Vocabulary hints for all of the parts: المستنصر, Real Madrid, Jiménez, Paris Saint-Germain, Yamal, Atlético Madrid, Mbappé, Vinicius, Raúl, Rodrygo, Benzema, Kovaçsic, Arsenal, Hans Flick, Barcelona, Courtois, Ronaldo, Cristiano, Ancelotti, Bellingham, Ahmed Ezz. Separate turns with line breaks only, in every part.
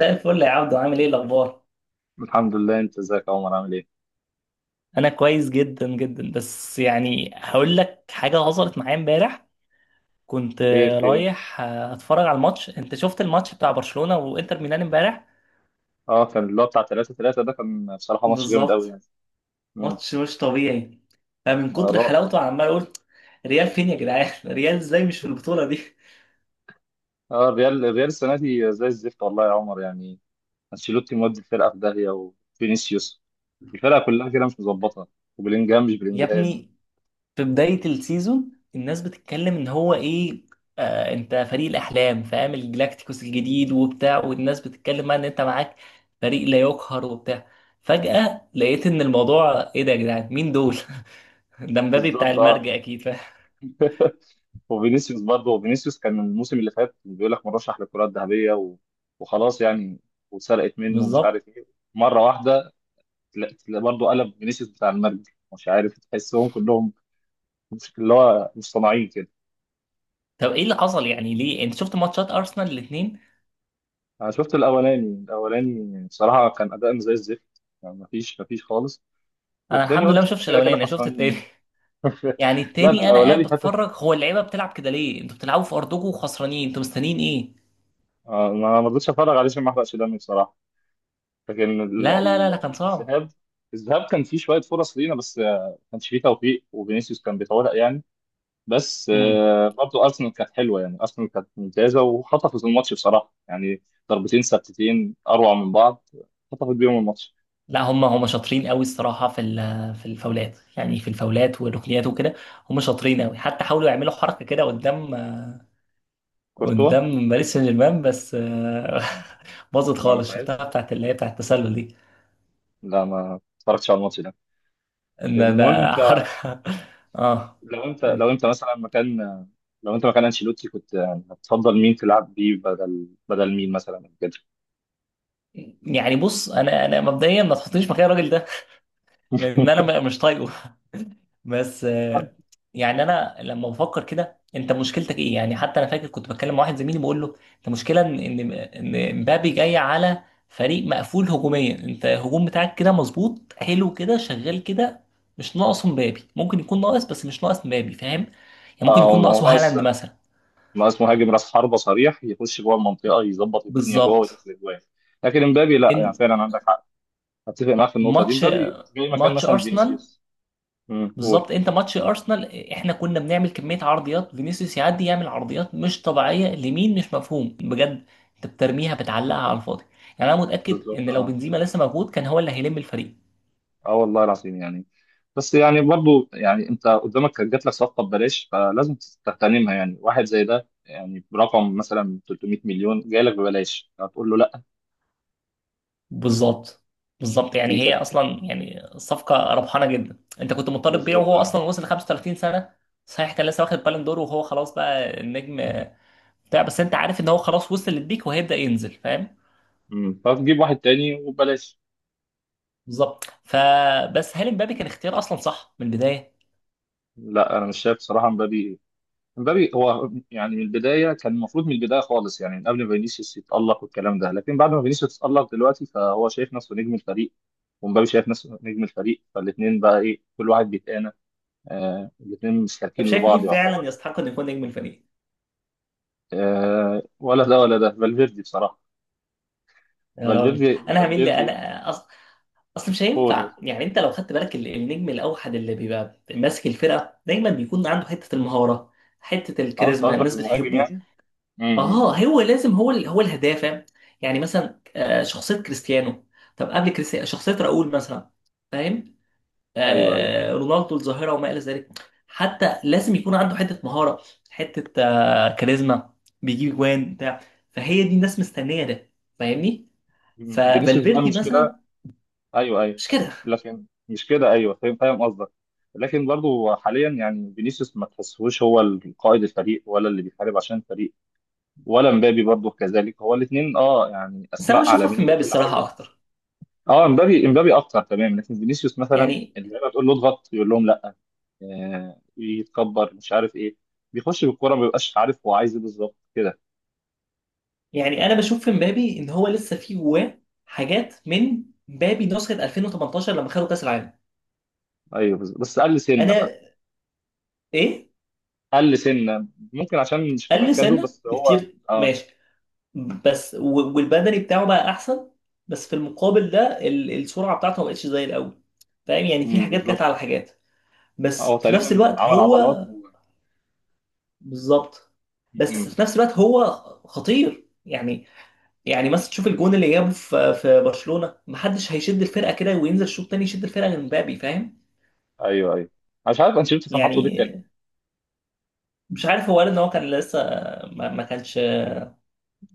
زي الفل يا عبدو، عامل ايه الاخبار؟
الحمد لله، انت ازيك يا عمر؟ عامل ايه؟
انا كويس جدا جدا، بس يعني هقول لك حاجه حصلت معايا امبارح. كنت
خير، في ايه؟
رايح اتفرج على الماتش. انت شفت الماتش بتاع برشلونه وانتر ميلان امبارح؟
اه، كان اللي هو بتاع 3-3 ده كان بصراحه ماتش جامد قوي
بالظبط.
يعني. امم.
ماتش مش طبيعي، فمن كتر
اه،
حلاوته عمال اقول ريال فين يا جدعان، ريال ازاي مش في البطوله دي؟
الريال السنه دي زي الزفت والله يا عمر يعني. انشيلوتي مودي الفرقه في داهيه، وفينيسيوس، الفرقه كلها كده مش مظبطه، وبلينجهام مش
يا
بلينجهام.
ابني، في بداية السيزون الناس بتتكلم ان هو ايه، آه انت فريق الاحلام، فاهم، الجلاكتيكوس الجديد وبتاع، والناس بتتكلم بقى ان انت معاك فريق لا يقهر وبتاع. فجأة لقيت ان الموضوع ايه ده يا جدعان، مين دول؟ ده مبابي بتاع
بالظبط اه.
المرجع اكيد، فاهم.
وفينيسيوس برضه، وفينيسيوس كان الموسم اللي فات بيقول لك مرشح للكره الذهبيه وخلاص يعني، واتسرقت منه ومش
بالظبط.
عارف ايه مره واحده. برضه قلب فينيسيوس بتاع المرج، مش عارف تحسهم كلهم مش اللي هو مصطنعين كده.
طب ايه اللي حصل يعني؟ ليه؟ انت شفت ماتشات ارسنال الاثنين؟
انا شفت الاولاني بصراحه كان اداء زي الزفت يعني، مفيش خالص.
انا
والتاني
الحمد لله ما
قلت احنا
شفتش
كده
الاولاني،
كده
انا شفت
خسرانين
التاني.
يعني.
يعني
لا، ده
التاني انا قاعد
الاولاني فاتك.
بتفرج، هو اللعيبه بتلعب كده ليه، انتوا بتلعبوا في ارضكم وخسرانين، انتوا مستنيين ايه؟
ما رضيتش اتفرج عليه عشان ما احرقش دمي بصراحه. لكن
لا لا لا لا، كان صعب.
الذهاب كان فيه شويه فرص لينا، بس ما كانش فيه توفيق، وفينيسيوس كان بيتورق يعني. بس
مم.
برضه ارسنال كانت حلوه يعني، ارسنال كانت ممتازه وخطفت الماتش بصراحه يعني. ضربتين ثابتتين اروع من بعض، خطفت بيهم الماتش.
لا، هم شاطرين قوي الصراحه في في الفاولات، يعني في الفاولات والركنيات وكده. هم شاطرين قوي، حتى حاولوا يعملوا حركه كده قدام،
كورتوا
قدام باريس سان جيرمان، بس
آه،
باظت
ما
خالص،
نفعتش.
شفتها بتاعت اللي هي بتاعت التسلل دي.
لا، ما اتفرجتش على الماتش ده.
ان
المهم
ده
انت،
حركه. اه.
لو انت لو انت مثلا مكان لو انت مكان انشيلوتي، كنت يعني هتفضل مين تلعب بيه بدل مين مثلا كده؟
يعني بص، انا مبدئيا ما تحطنيش مكان الراجل ده. لان انا مش طايقه. بس يعني انا لما بفكر كده، انت مشكلتك ايه يعني؟ حتى انا فاكر كنت بتكلم مع واحد زميلي بقول له: انت مشكله ان ان إن مبابي جاي على فريق مقفول هجوميا، انت الهجوم بتاعك كده مظبوط حلو كده شغال كده. مش ناقصه مبابي، ممكن يكون ناقص، بس مش ناقص مبابي، فاهم يعني. ممكن
اه،
يكون
ما هو
ناقصه هالاند
اصلا
مثلا.
ما اسمه مهاجم راس حربة صريح يخش جوه المنطقه يظبط الدنيا جوه
بالظبط
ويدخل اجوان، لكن امبابي لا. يعني
ان.
فعلا عندك حق، اتفق معاك في النقطه دي،
ماتش
امبابي جاي مكان
ماتش
مثلا
ارسنال.
فينيسيوس. قول.
بالظبط، انت ماتش ارسنال، احنا كنا بنعمل كميه عرضيات، فينيسيوس يعدي يعمل عرضيات مش طبيعيه لمين؟ مش مفهوم بجد. انت بترميها بتعلقها على الفاضي. يعني انا متاكد
بالظبط
ان لو
اه.
بنزيما لسه موجود كان هو اللي هيلم الفريق.
اه والله العظيم يعني. بس يعني برضو يعني انت قدامك كانت جات لك صفقه ببلاش، فلازم تغتنمها يعني. واحد زي ده يعني برقم مثلا 300 مليون جاي لك ببلاش، هتقول له لا؟
بالظبط. بالظبط، يعني
دي
هي
كانت
اصلا يعني صفقه ربحانه جدا، انت كنت مضطر تبيعه،
بالظبط
وهو
اه.
اصلا وصل 35 سنه. صحيح كان لسه واخد بالون دور، وهو خلاص بقى النجم بتاع. بس انت عارف ان هو خلاص وصل للبيك وهيبدا ينزل، فاهم.
امم. فتجيب واحد تاني وببلاش.
بالظبط، فبس هل امبابي كان اختيار اصلا صح من البدايه؟
لا، انا مش شايف صراحه. مبابي، مبابي هو يعني من البدايه كان المفروض، من البدايه خالص يعني، من قبل ما فينيسيوس يتالق والكلام ده، لكن بعد ما فينيسيوس اتالق دلوقتي، فهو شايف نفسه نجم الفريق، ومبابي شايف نفسه نجم الفريق، فالاثنين بقى ايه، كل واحد بيتقانى. آه، الاثنين
طب
مشتركين
شايف مين
لبعض
فعلا
يعتبر.
يستحق انه يكون نجم الفريق؟
آه، ولا ده ولا ده، فالفيردي بصراحة.
يا راجل،
فالفيردي،
انا هميل لي،
فالفيردي.
اصل مش
قول، قول.
هينفع، يعني انت لو خدت بالك النجم الاوحد اللي بيبقى ماسك الفرقه دايما بيكون عنده حته المهاره، حته
اه، انت
الكاريزما،
قصدك
الناس
المهاجم
بتحبه.
يعني؟
اه،
امم.
هو لازم هو الهداف، فاهم؟ يعني مثلا شخصيه كريستيانو. طب قبل كريستيانو شخصيه راؤول مثلا، فاهم.
ايوه، ايوه.
رونالدو الظاهره، وما الى ذلك. حتى لازم يكون عنده حته مهاره، حته كاريزما. بيجيب جوان بتاع، فهي دي الناس مستنيه ده، فاهمني.
مم. فينيسيوس بقى
ففالفيردي
المشكلة.
مثلا،
ايوه، ايوه.
مش كده؟
لكن مش كده، ايوه، فاهم، فاهم قصدك. لكن برضه حاليا يعني فينيسيوس ما تحسهوش هو قائد الفريق، ولا اللي بيحارب عشان الفريق، ولا مبابي برضه كذلك. هو الاثنين اه يعني
بس انا
اسماء
بشوفها في
عالمية
مبابي
وكل
الصراحه
حاجة.
اكتر،
اه، امبابي، امبابي اكتر تمام. لكن فينيسيوس مثلا
يعني.
اللعيبه تقول له اضغط يقول لهم لا. يتكبر مش عارف ايه، بيخش بالكوره ما بيبقاش عارف هو عايز ايه بالظبط كده.
يعني انا بشوف في مبابي ان هو لسه في جواه حاجات من مبابي نسخه 2018 لما خدوا كاس العالم.
ايوه، بالظبط. بس قل سنه بقى،
انا. ايه.
قل سنه ممكن عشان مش في
قل
مركزه،
سنه
بس هو
بكتير،
اه.
ماشي. بس والبدني بتاعه بقى احسن. بس في المقابل ده، السرعه بتاعته ما بقتش زي الاول. فاهم يعني، في
مم،
حاجات جت على
بالظبط.
حاجات. بس
هو
في نفس
تقريبا
الوقت
عمل
هو.
عضلات
بالظبط. بس
مم.
في نفس الوقت هو خطير يعني. يعني مثلا تشوف الجون اللي جابه في برشلونه، محدش هيشد الفرقه كده وينزل شوط تاني يشد الفرقه غير مبابي، فاهم
ايوه، ايوه. أنا مش عارف انشيلوتي كان حاطه دكه
يعني.
ليه.
مش عارف، هو قال ان هو كان لسه، ما كانش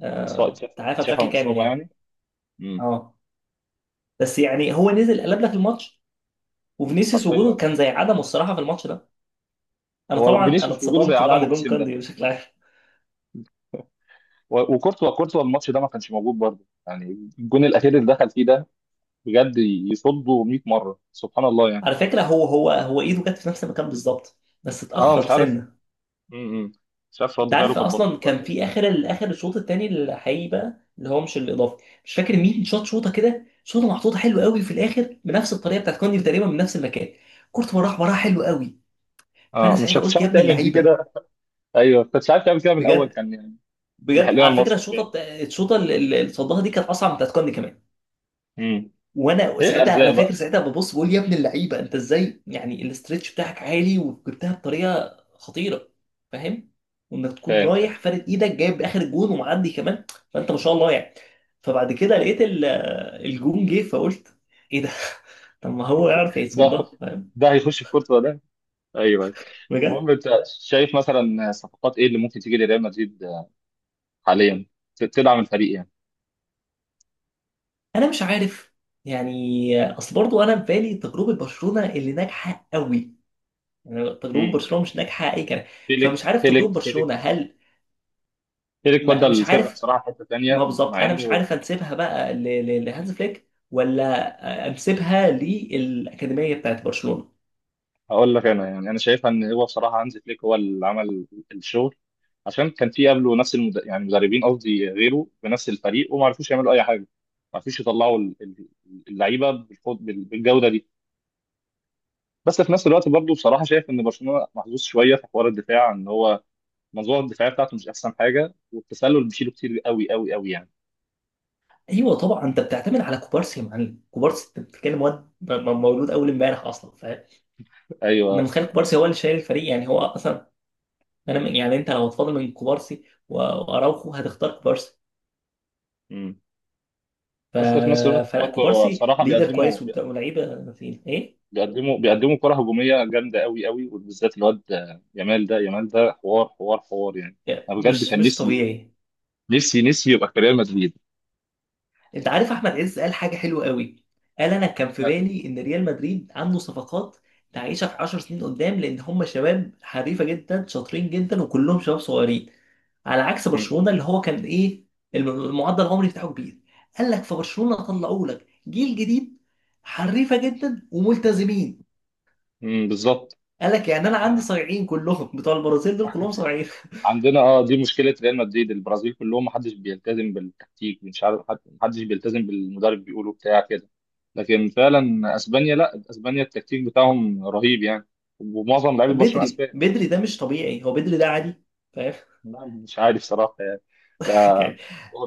اتشاف،
تعافى
اتشاف
بشكل
من
كامل
اصابه
يعني.
يعني. مم.
اه، بس يعني هو نزل قلب لك الماتش، وفينيسيوس
حرفيا.
وجوده كان زي عدمه الصراحه في الماتش ده. انا
هو
طبعا انا
فينيسيوس وجوده زي
اتصدمت
عدمه
بعد جون
الموسم ده.
كاندي بشكل عام.
وكورتوا الماتش ده ما كانش موجود برضه يعني. الجون الاخير اللي دخل فيه ده بجد يصده 100 مره، سبحان الله يعني.
على فكره، هو ايده جت في نفس المكان بالظبط، بس
اه،
اتاخر
مش عارف.
سنه.
م- م. مش عارف
انت
رد فعله
عارف
كان
اصلا،
بطيء ولا
كان في
ايه.
اخر الاخر الشوط الثاني الحقيقي بقى اللي هو مش الاضافي، مش فاكر مين شاط شوطه كده، شوطه محطوطه حلو قوي في الاخر بنفس الطريقه بتاعت كاندي تقريبا، من نفس المكان. كورت وراح وراها حلو قوي. فانا
اه، مش
ساعتها
عارف مش
قلت يا
عارف
ابن
تعمل دي
اللعيبه.
كده. ايوه، كنت عارف تعمل كده من الاول،
بجد.
كان يعني لحق
بجد،
لنا
على فكره
الماتش
الشوطه
يعني.
الشوطه اللي صدها دي كانت اصعب من بتاعت كاندي كمان.
امم
وانا
ايه
ساعتها
ارزاق
انا فاكر
بقى.
ساعتها ببص بقول: يا ابن اللعيبه، انت ازاي يعني؟ الاسترتش بتاعك عالي وجبتها بطريقه خطيره، فاهم. وانك تكون
فاهم يعني.
رايح فارد ايدك جايب اخر الجون ومعدي كمان، فانت ما شاء الله يعني. فبعد كده لقيت الجون جه فقلت: ايه ده؟ طب ما هو يعرف يصوم
ده
ده، فاهم.
ده هيخش في كورتوا ده. ايوه، أيوة. المهم
بجد.
انت شايف مثلا صفقات ايه اللي ممكن تيجي لريال مدريد حاليا تدعم الفريق يعني.
انا مش عارف يعني، اصل برضو انا في بالي تجربه برشلونه اللي ناجحه قوي، يعني تجربه
امم
برشلونه مش ناجحه اي كلام.
فيليك
فمش عارف تجربه
فيليك فيليك
برشلونه هل،
ايريك،
ما
ودى
مش
الفرقه
عارف،
بصراحه في حته
ما
تانيه
بالظبط
مع
انا مش
انه.
عارف انسبها بقى لهانز فليك ولا انسبها للاكاديميه بتاعت برشلونه.
هقول لك انا يعني، انا شايفها ان هو بصراحه هانز فليك هو اللي عمل الشغل، عشان كان في قبله نفس يعني مدربين، قصدي غيره، بنفس الفريق وما عرفوش يعملوا اي حاجه، ما عرفوش يطلعوا اللعيبه بالجوده دي. بس في نفس الوقت برضه بصراحه شايف ان برشلونه محظوظ شويه في حوار الدفاع، ان هو المنظومه الدفاعيه بتاعته مش احسن حاجه، والتسلل بيشيله كتير قوي قوي قوي يعني.
ايوه طبعا، انت بتعتمد على كوبارسي يا معلم، كوبارسي انت بتتكلم واد مولود اول امبارح اصلا، فاهم. انا
ايوه.
متخيل كوبارسي هو اللي شايل الفريق، يعني هو اصلا، انا يعني انت لو هتفاضل من كوبارسي واراوخو هتختار كوبارسي.
مم.
ف...
بس في نفس الوقت
فلا
برضه هو
كوبارسي
بصراحه
ليدر كويس ولاعيبه فين ايه،
بيقدموا كرة هجومية جامدة قوي قوي، وبالذات الواد يامال ده، يامال ده حوار، حوار حوار يعني. انا بجد
مش
كان
مش
نفسي،
طبيعي.
نفسي نفسي يبقى في ريال مدريد.
انت عارف احمد عز قال حاجه حلوه قوي، قال: انا كان في بالي ان ريال مدريد عنده صفقات تعيشها في 10 سنين قدام، لان هم شباب حريفه جدا شاطرين جدا وكلهم شباب صغيرين، على عكس
أمم،
برشلونه اللي هو كان ايه، المعدل العمري بتاعه كبير. قال لك في برشلونه طلعوا لك جيل جديد، حريفه جدا وملتزمين.
أمم، بالظبط.
قال لك يعني انا عندي
احنا
صايعين كلهم، بتوع البرازيل دول كلهم صايعين.
عندنا دي مشكلة ريال مدريد. البرازيل كلهم محدش بيلتزم بالتكتيك، مش عارف محدش بيلتزم بالمدرب بيقوله بتاع كده. لكن فعلا اسبانيا، لا، اسبانيا التكتيك بتاعهم رهيب يعني، ومعظم لعيبة برشلونة
بدري
اسبان.
بدري ده مش طبيعي، هو بدري ده عادي، فاهم.
لا، مش عارف صراحة يعني.
يعني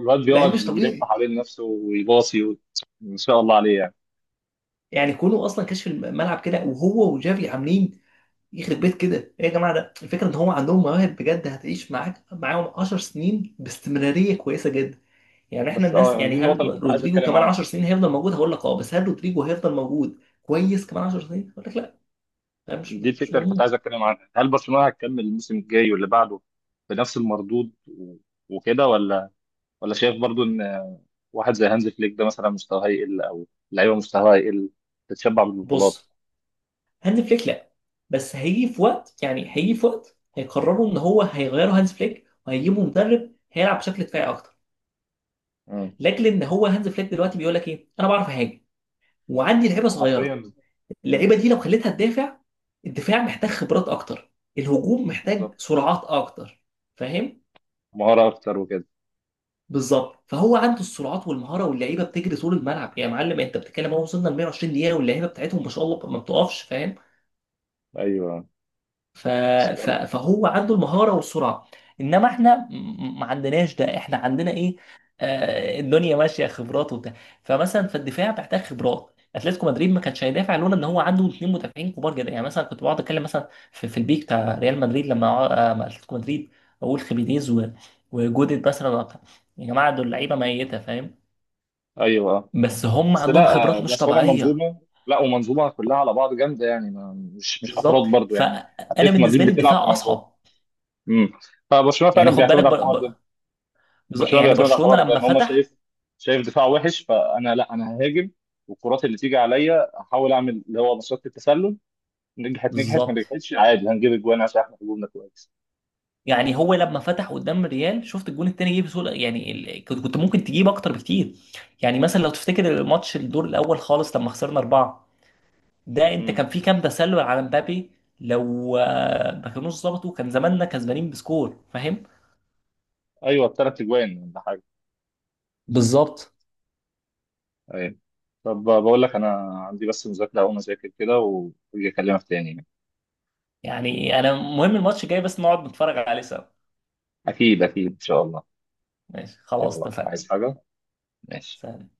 الواد
لعيب
بيقعد
مش
يلف
طبيعي.
حوالين نفسه ويباصي ان شاء الله عليه يعني.
يعني كونه اصلا كشف الملعب كده وهو وجافي عاملين يخرب بيت كده، ايه يا جماعه، ده الفكره ان هو عندهم مواهب بجد هتعيش معاك معاهم 10 سنين باستمراريه كويسه جدا. يعني احنا
بس
الناس،
يعني
يعني
دي النقطه
هل
اللي كنت عايز
رودريجو
اتكلم
كمان
عنها،
10 سنين هيفضل موجود؟ هقول لك اه. بس هل رودريجو هيفضل موجود كويس كمان 10 سنين؟ هقول لك لا. ده مش
دي
مش مش
الفكره اللي كنت
مضمون.
عايز اتكلم عنها. هل برشلونه هتكمل الموسم الجاي واللي بعده بنفس المردود وكده، ولا شايف برضو ان واحد زي هانز فليك ده مثلا مستواه هيقل، او لعيبه مستواها هيقل، تتشبع بالبطولات.
بص، هانز فليك لا، بس هيجي في وقت، يعني هيجي في وقت هيقرروا ان هو هيغيروا هانز فليك وهيجيبوا مدرب هيلعب بشكل دفاعي اكتر،
امم
لاجل ان هو هانز فليك دلوقتي بيقول لك ايه: انا بعرف اهاجم وعندي لعيبه
حرفيا.
صغيره،
امم،
اللعيبه دي لو خليتها تدافع، الدفاع محتاج خبرات اكتر، الهجوم محتاج
بالظبط.
سرعات اكتر، فاهم.
مهاره اكتر وكده.
بالظبط، فهو عنده السرعات والمهاره، واللعيبه بتجري طول الملعب يا معلم، انت بتتكلم اهو وصلنا ل 120 دقيقه واللعيبه بتاعتهم ما شاء الله ما بتقفش، فاهم.
ايوه.
ف...
سلام.
فهو عنده المهارة والسرعة. انما احنا ما عندناش ده، احنا عندنا ايه؟ الدنيا ماشية خبرات وبتاع. فمثلا في الدفاع محتاج خبرات، اتلتيكو مدريد ما كانش هيدافع لولا ان هو عنده اثنين مدافعين كبار جدا، يعني مثلا كنت بقعد اتكلم مثلا في، البيك بتاع ريال مدريد لما مع اتلتيكو مدريد، اقول خيمينيز و... وجودت مثلا وبتاع. يا جماعة دول لعيبة ميتة، فاهم.
ايوه.
بس هم
بس
عندهم
لا
خبرات مش
بس هما
طبيعية.
منظومه. لا، ومنظومه كلها على بعض جامده يعني، ما مش افراد
بالظبط،
برضو يعني.
فانا
اتلتيكو مدريد
بالنسبة لي
بتلعب
الدفاع
كمنظومه.
اصعب.
امم فبرشلونه
يعني
فعلا
خد بالك،
بيعتمد على الحوار ده. برشلونه
يعني
بيعتمد على
برشلونة
الحوار ده،
لما
ان هما
فتح.
شايف دفاع وحش، فانا لا، انا ههاجم. والكرات اللي تيجي عليا احاول اعمل اللي هو مصيده التسلل، نجحت نجحت ما
بالظبط،
نجحتش عادي هنجيب اجوان عشان احنا هجومنا كويس.
يعني هو لما فتح قدام الريال شفت الجون التاني جه بسهولة، يعني كنت ممكن تجيب اكتر بكتير. يعني مثلا لو تفتكر الماتش الدور الاول خالص لما خسرنا اربعة، ده انت كان
امم.
في كام تسلل على مبابي؟ لو ما كانوش ظبطوا كان زماننا كسبانين بسكور، فاهم.
ايوه، الثلاث اجوان ولا حاجه.
بالظبط.
ايوه. طب بقول لك انا عندي بس مذاكره، اقوم اذاكر كده واجي اكلمك تاني يعني.
يعني انا مهم الماتش جاي، بس نقعد نتفرج عليه سوا.
اكيد، اكيد ان شاء الله.
ماشي خلاص
يلا،
اتفقنا.
عايز حاجة؟ ماشي.
سلام.